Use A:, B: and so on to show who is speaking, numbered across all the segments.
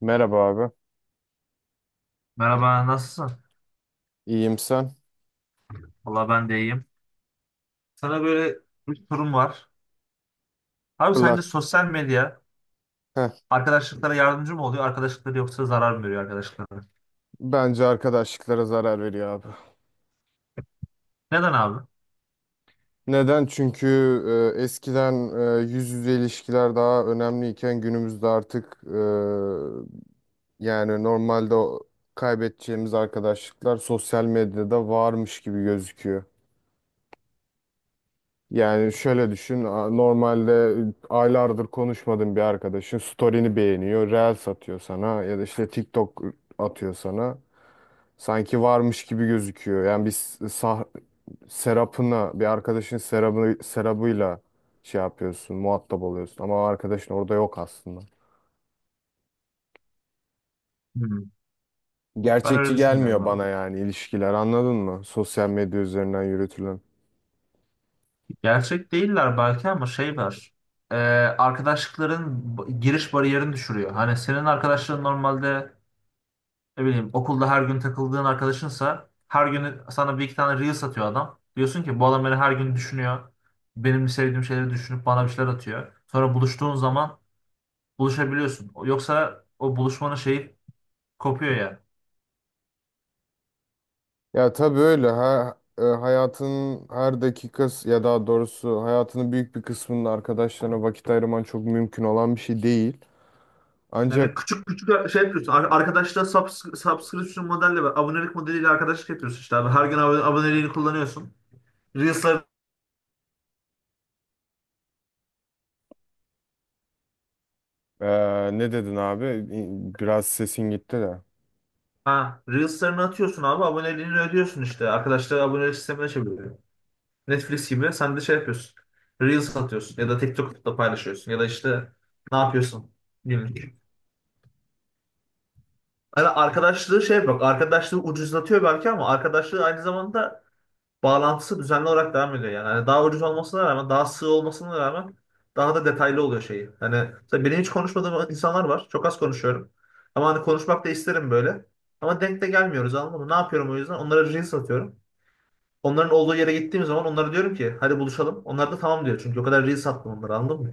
A: Merhaba abi.
B: Merhaba, nasılsın?
A: İyiyim sen?
B: Valla ben de iyiyim. Sana böyle bir sorum var. Abi sence
A: Fırlat.
B: sosyal medya
A: Heh,
B: arkadaşlıklara yardımcı mı oluyor, arkadaşlıkları yoksa zarar mı veriyor arkadaşlıklara?
A: bence arkadaşlıklara zarar veriyor abi.
B: Neden abi?
A: Neden? Çünkü eskiden yüz yüze ilişkiler daha önemliyken günümüzde artık yani normalde o kaybedeceğimiz arkadaşlıklar sosyal medyada varmış gibi gözüküyor. Yani şöyle düşün, normalde aylardır konuşmadığın bir arkadaşın story'ini beğeniyor, reel satıyor sana ya da işte TikTok atıyor sana. Sanki varmış gibi gözüküyor. Yani biz sah Serap'ına, bir arkadaşın Serap'ı, Serap'ıyla şey yapıyorsun, muhatap oluyorsun. Ama o arkadaşın orada yok aslında.
B: Hmm. Ben öyle
A: Gerçekçi
B: düşünmüyorum
A: gelmiyor
B: abi.
A: bana yani ilişkiler anladın mı? Sosyal medya üzerinden yürütülen.
B: Gerçek değiller belki ama şey var. Ee, arkadaşlıkların giriş bariyerini düşürüyor. Hani senin arkadaşların normalde, ne bileyim, okulda her gün takıldığın arkadaşınsa her gün sana bir iki tane Reels atıyor adam. Diyorsun ki bu adam beni her gün düşünüyor. Benim sevdiğim şeyleri düşünüp bana bir şeyler atıyor. Sonra buluştuğun zaman buluşabiliyorsun. Yoksa o buluşmanın şeyi kopuyor yani.
A: Ya tabii öyle. Ha, hayatının her dakikası ya daha doğrusu hayatının büyük bir kısmının arkadaşlarına vakit ayırman çok mümkün olan bir şey değil.
B: Yani
A: Ancak
B: küçük küçük şey yapıyorsun. Arkadaşla subscription modelle, ve abonelik modeliyle arkadaşlık yapıyorsun işte abi. Her gün aboneliğini kullanıyorsun. Reels'lar
A: e, ne dedin abi? Biraz sesin gitti de.
B: ha, Reels'larını atıyorsun abi. Aboneliğini ödüyorsun işte. Arkadaşlar abonelik sistemine çeviriyor. Netflix gibi sen de şey yapıyorsun. Reels atıyorsun ya da TikTok'ta paylaşıyorsun ya da işte ne yapıyorsun günlük. Yani arkadaşlığı şey yapıyor. Arkadaşlığı ucuzlatıyor belki ama arkadaşlığı aynı zamanda bağlantısı düzenli olarak devam ediyor yani. Hani daha ucuz olmasına rağmen, daha sığ olmasına rağmen daha da detaylı oluyor şeyi. Hani mesela benim hiç konuşmadığım insanlar var. Çok az konuşuyorum. Ama hani konuşmak da isterim böyle. Ama denk de gelmiyoruz, anladın mı? Ne yapıyorum o yüzden? Onlara reels atıyorum. Onların olduğu yere gittiğim zaman onlara diyorum ki hadi buluşalım. Onlar da tamam diyor. Çünkü o kadar reels attım onlara, anladın mı?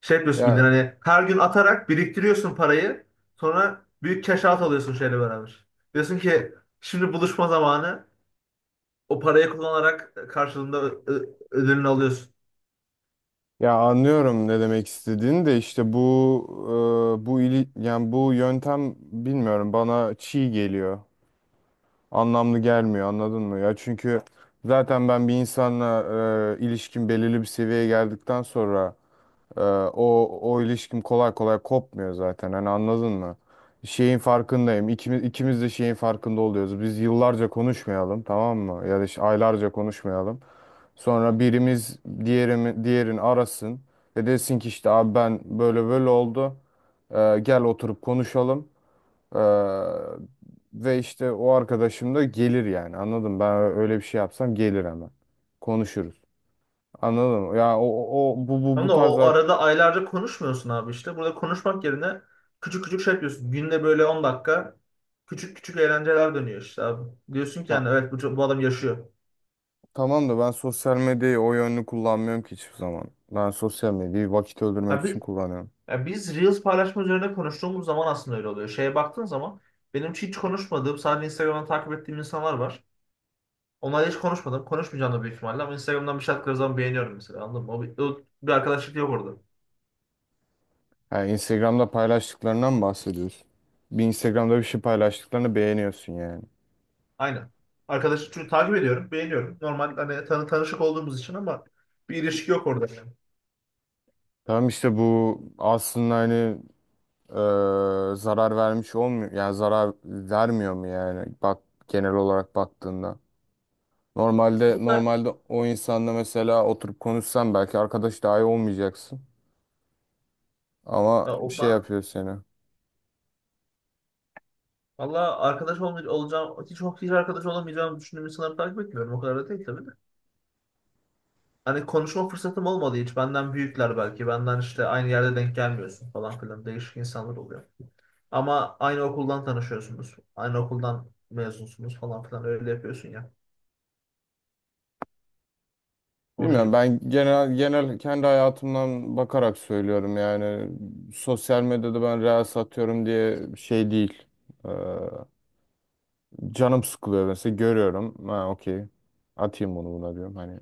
B: Şey yapıyorsun bildiğin,
A: Ya
B: hani her gün atarak biriktiriyorsun parayı. Sonra büyük cash out alıyorsun şeyle beraber. Diyorsun ki şimdi buluşma zamanı. O parayı kullanarak karşılığında ödülünü alıyorsun.
A: Ya anlıyorum ne demek istediğini de işte bu yani bu yöntem bilmiyorum bana çiğ geliyor. Anlamlı gelmiyor anladın mı? Ya çünkü zaten ben bir insanla ilişkim belirli bir seviyeye geldikten sonra e, o ilişkim kolay kolay kopmuyor zaten. Hani anladın mı? Şeyin farkındayım. İkimiz de şeyin farkında oluyoruz. Biz yıllarca konuşmayalım, tamam mı? Ya da işte aylarca konuşmayalım. Sonra birimiz diğerini arasın ve desin ki işte abi ben böyle böyle oldu. Gel oturup konuşalım. Ee, Ve işte o arkadaşım da gelir yani anladın mı? Ben öyle bir şey yapsam gelir hemen. Konuşuruz. Anladın mı? Ya o, o o- bu bu
B: Ama
A: bu
B: da
A: tarz
B: o
A: ar-
B: arada aylarca konuşmuyorsun abi işte. Burada konuşmak yerine küçük küçük şey yapıyorsun. Günde böyle 10 dakika küçük küçük eğlenceler dönüyor işte abi. Diyorsun ki
A: Ta-
B: yani evet bu adam yaşıyor.
A: Tamam da ben sosyal medyayı o yönlü kullanmıyorum ki hiçbir zaman. Ben sosyal medyayı vakit öldürmek için
B: Abi,
A: kullanıyorum.
B: ya biz Reels paylaşma üzerine konuştuğumuz zaman aslında öyle oluyor. Şeye baktığın zaman benim hiç konuşmadığım, sadece Instagram'dan takip ettiğim insanlar var. Onlarla hiç konuşmadım. Konuşmayacağım da büyük ihtimalle ama Instagram'dan bir şey attıkları zaman beğeniyorum mesela. Anladın mı? O bir arkadaşlık yok orada.
A: Yani Instagram'da paylaştıklarından mı bahsediyorsun? Bir Instagram'da bir şey paylaştıklarını beğeniyorsun yani.
B: Aynen. Arkadaşlık çünkü takip ediyorum, beğeniyorum. Normal hani tanışık olduğumuz için ama bir ilişki yok orada. Yani.
A: Tamam işte bu aslında hani zarar vermiş olmuyor. Yani zarar vermiyor mu yani? Bak genel olarak baktığında. Normalde
B: Bu da
A: normalde o insanla mesela oturup konuşsan belki arkadaş dahi olmayacaksın. Ama
B: ya,
A: bir
B: o,
A: şey
B: ben,
A: yapıyor seni.
B: valla olacağım, hiç arkadaş olamayacağımı düşündüğüm insanları takip etmiyorum. O kadar da değil tabii de. Hani konuşma fırsatım olmadı hiç. Benden büyükler belki. Benden işte aynı yerde denk gelmiyorsun falan filan. Değişik insanlar oluyor. Ama aynı okuldan tanışıyorsunuz. Aynı okuldan mezunsunuz falan filan. Öyle yapıyorsun ya. Onun
A: Bilmiyorum,
B: gibi.
A: ben genel kendi hayatımdan bakarak söylüyorum yani sosyal medyada ben reels atıyorum diye şey değil. Ee, Canım sıkılıyor mesela, görüyorum. Ha okey. Atayım bunu buna diyorum. Hani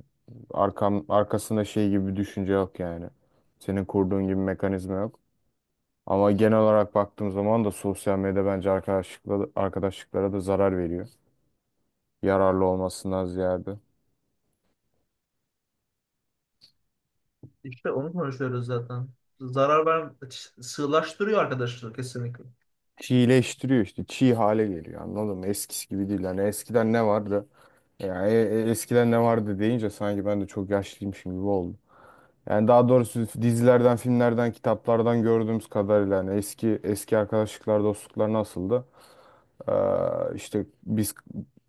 A: arkasında şey gibi bir düşünce yok yani. Senin kurduğun gibi mekanizma yok. Ama genel olarak baktığım zaman da sosyal medya bence arkadaşlıklara da zarar veriyor. Yararlı olmasından ziyade.
B: İşte onu konuşuyoruz zaten. Zarar ver, sığlaştırıyor arkadaşlığı kesinlikle.
A: Çiğleştiriyor işte. Çiğ hale geliyor anladın mı? Eskisi gibi değil. Hani eskiden ne vardı? Yani eskiden ne vardı deyince sanki ben de çok yaşlıymışım gibi oldu. Yani daha doğrusu dizilerden, filmlerden, kitaplardan gördüğümüz kadarıyla yani eski eski arkadaşlıklar, dostluklar nasıldı? İşte biz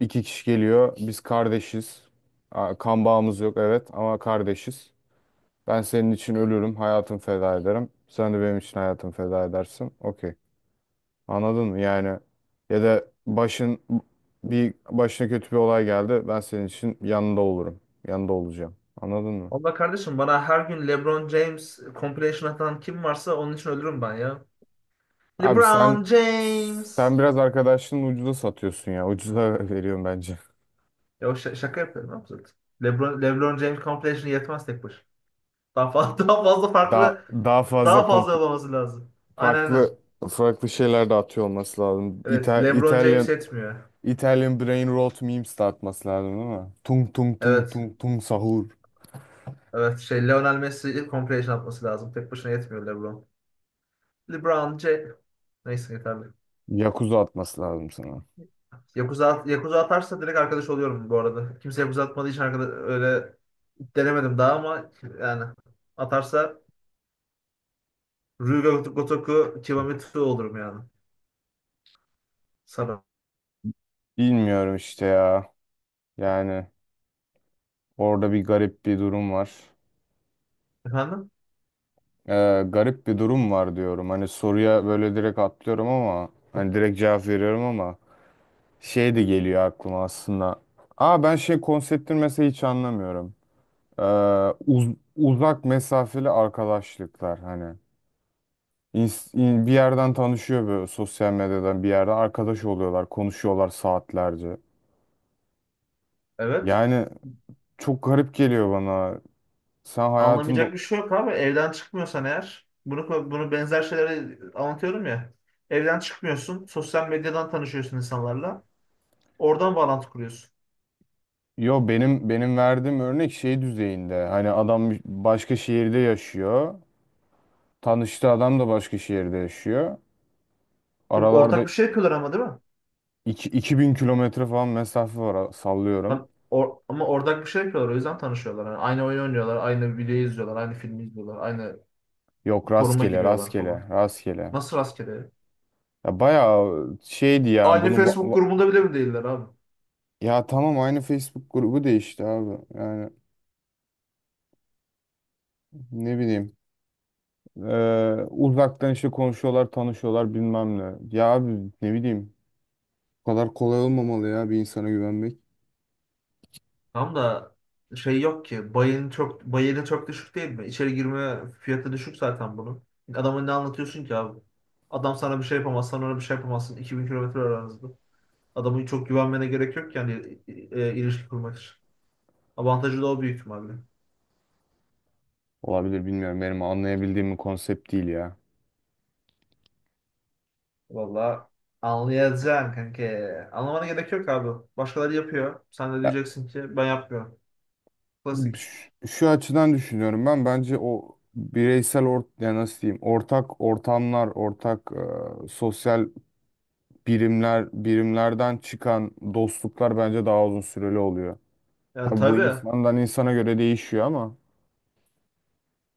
A: iki kişi geliyor, biz kardeşiz. Aa, kan bağımız yok evet ama kardeşiz. Ben senin için ölürüm, hayatımı feda ederim. Sen de benim için hayatını feda edersin. Okey. Anladın mı? Yani ya da bir başına kötü bir olay geldi. Ben senin için yanında olurum. Yanında olacağım. Anladın mı?
B: Valla kardeşim bana her gün LeBron James compilation atan kim varsa onun için ölürüm ben ya.
A: Abi
B: LeBron
A: sen
B: James.
A: biraz arkadaşının ucuza satıyorsun ya. Ucuza veriyorum bence.
B: Ya o şaka yapıyorum abi zaten. LeBron James compilation yetmez tek başına. Daha fazla, daha fazla
A: Daha
B: farklı
A: daha fazla
B: daha fazla
A: komple,
B: olması lazım. Aynen, aynen.
A: farklı farklı şeyler de atıyor olması lazım.
B: Evet, LeBron James
A: İtalyan
B: yetmiyor.
A: Italian brain rot memes de atması lazım değil mi? Tung tung tung
B: Evet.
A: tung tung sahur.
B: Evet, şey Lionel Messi compilation atması lazım. Tek başına yetmiyor LeBron. LeBron James. Neyse yeterli.
A: Yakuza atması lazım sana.
B: Yakuza, Yakuza atarsa direkt arkadaş oluyorum bu arada. Kimse Yakuza atmadığı için arkadaş, öyle denemedim daha ama yani atarsa Ryuga Gotoku Kibamitsu olurum yani. Sana.
A: Bilmiyorum işte ya. Yani orada bir garip bir durum var.
B: Efendim?
A: Garip bir durum var diyorum. Hani soruya böyle direkt atlıyorum ama hani direkt cevap veriyorum ama şey de geliyor aklıma aslında. Aa ben şey konseptini mesela hiç anlamıyorum. Ee, Uzak mesafeli arkadaşlıklar hani. Bir yerden tanışıyor böyle sosyal medyadan bir yerde arkadaş oluyorlar, konuşuyorlar saatlerce.
B: Evet.
A: Yani çok garip geliyor bana. Sen hayatında
B: Anlamayacak bir şey yok abi. Evden çıkmıyorsan eğer, bunu benzer şeyleri anlatıyorum ya. Evden çıkmıyorsun, sosyal medyadan tanışıyorsun insanlarla. Oradan bağlantı kuruyorsun.
A: yo, benim verdiğim örnek şey düzeyinde. Hani adam başka şehirde yaşıyor. Tanıştığı adam da başka şehirde yaşıyor.
B: Ortak
A: Aralarda
B: bir şey yapıyorlar ama, değil mi?
A: 2000 kilometre falan mesafe var,
B: Lan
A: sallıyorum.
B: ama ortak bir şey yapıyorlar, o yüzden tanışıyorlar. Yani aynı oyun oynuyorlar, aynı videoyu izliyorlar, aynı filmi izliyorlar, aynı
A: Yok,
B: foruma giriyorlar falan.
A: rastgele.
B: Nasıl rastgele?
A: Ya bayağı şeydi ya
B: Aynı Facebook grubunda bile mi değiller abi?
A: ya tamam aynı Facebook grubu değişti abi. Yani ne bileyim. Uzaktan işte konuşuyorlar, tanışıyorlar bilmem ne. Ya abi ne bileyim. Bu kadar kolay olmamalı ya bir insana güvenmek.
B: Tam da şey yok ki. Bayını çok düşük değil mi? İçeri girme fiyatı düşük zaten bunun. Adama ne anlatıyorsun ki abi? Adam sana bir şey yapamaz, sana ona bir şey yapamazsın. 2.000 kilometre aranızda. Adamı çok güvenmene gerek yok ki yani ilişki kurmak için. Avantajı da o büyük ihtimalle.
A: Olabilir, bilmiyorum, benim anlayabildiğim bir konsept değil ya. Ya
B: Valla anlayacaksın kanka. Anlamana gerek yok abi. Başkaları yapıyor. Sen de diyeceksin ki ben yapmıyorum. Klasik.
A: Şu açıdan düşünüyorum, ben bence o bireysel ya nasıl diyeyim ortak ortamlar, sosyal birimlerden çıkan dostluklar bence daha uzun süreli oluyor.
B: Ya
A: Tabii bu
B: tabii.
A: insandan insana göre değişiyor ama.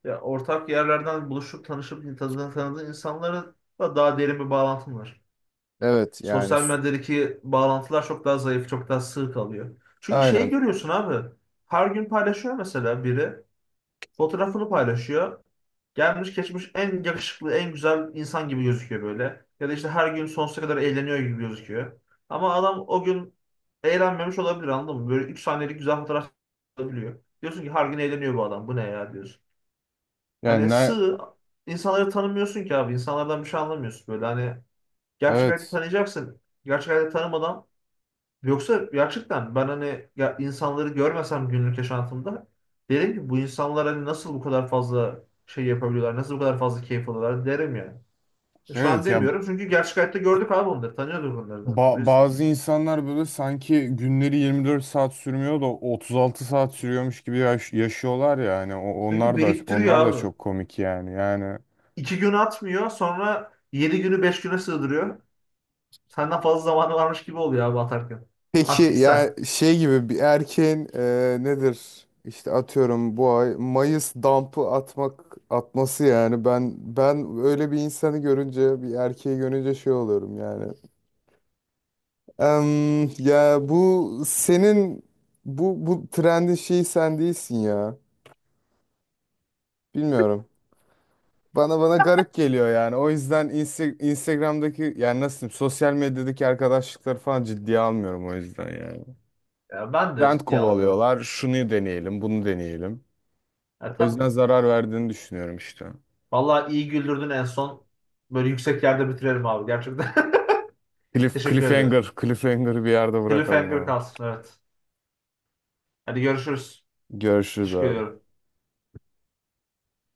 B: Ya ortak yerlerden buluşup tanışıp tanıdığın insanlara da daha derin bir bağlantın var.
A: Evet yani
B: Sosyal medyadaki bağlantılar çok daha zayıf, çok daha sığ kalıyor. Çünkü şeyi
A: aynen.
B: görüyorsun abi. Her gün paylaşıyor mesela biri. Fotoğrafını paylaşıyor. Gelmiş geçmiş en yakışıklı, en güzel insan gibi gözüküyor böyle. Ya da işte her gün sonsuza kadar eğleniyor gibi gözüküyor. Ama adam o gün eğlenmemiş olabilir, anladın mı? Böyle 3 saniyelik güzel fotoğraf alabiliyor. Diyorsun ki her gün eğleniyor bu adam. Bu ne ya diyorsun.
A: Yani
B: Hani
A: ne
B: sığ insanları tanımıyorsun ki abi. İnsanlardan bir şey anlamıyorsun böyle. Hani gerçek hayatta
A: evet.
B: tanıyacaksın. Gerçek hayatta tanımadan, yoksa gerçekten ben hani ya insanları görmesem günlük yaşantımda derim ki bu insanlar hani nasıl bu kadar fazla şey yapabiliyorlar, nasıl bu kadar fazla keyif alıyorlar derim yani. Şu an
A: Evet ya,
B: demiyorum çünkü gerçek hayatta gördük abi onları, tanıyorduk onları zaten. O yüzden.
A: bazı insanlar böyle sanki günleri 24 saat sürmüyor da 36 saat sürüyormuş gibi yaşıyorlar ya yani
B: Çünkü biriktiriyor
A: onlar da
B: abi.
A: çok komik yani. Yani
B: 2 gün atmıyor, sonra 7 günü 5 güne sığdırıyor. Senden fazla zamanı varmış gibi oluyor abi atarken.
A: peki
B: Taktiksel.
A: yani şey gibi bir erkeğin nedir? İşte atıyorum bu ay Mayıs dump'ı atmak atması yani ben öyle bir insanı görünce bir erkeği görünce şey oluyorum yani. Em, ya bu senin bu trendin şeyi sen değilsin ya. Bilmiyorum. Bana garip geliyor yani. O yüzden Instagram'daki yani nasıl diyeyim sosyal medyadaki arkadaşlıkları falan ciddiye almıyorum o yüzden yani.
B: Ya ben de
A: Trend
B: ciddiye almıyorum.
A: kovalıyorlar. Şunu deneyelim, bunu deneyelim.
B: Ya
A: O yüzden
B: tabii.
A: zarar verdiğini düşünüyorum işte.
B: Vallahi iyi güldürdün en son. Böyle yüksek yerde bitirelim abi gerçekten. Teşekkür ediyorum.
A: Cliffhanger'ı bir yerde bırakalım
B: Cliffhanger
A: abi.
B: kalsın, evet. Hadi görüşürüz.
A: Görüşürüz
B: Teşekkür
A: abi.
B: ediyorum.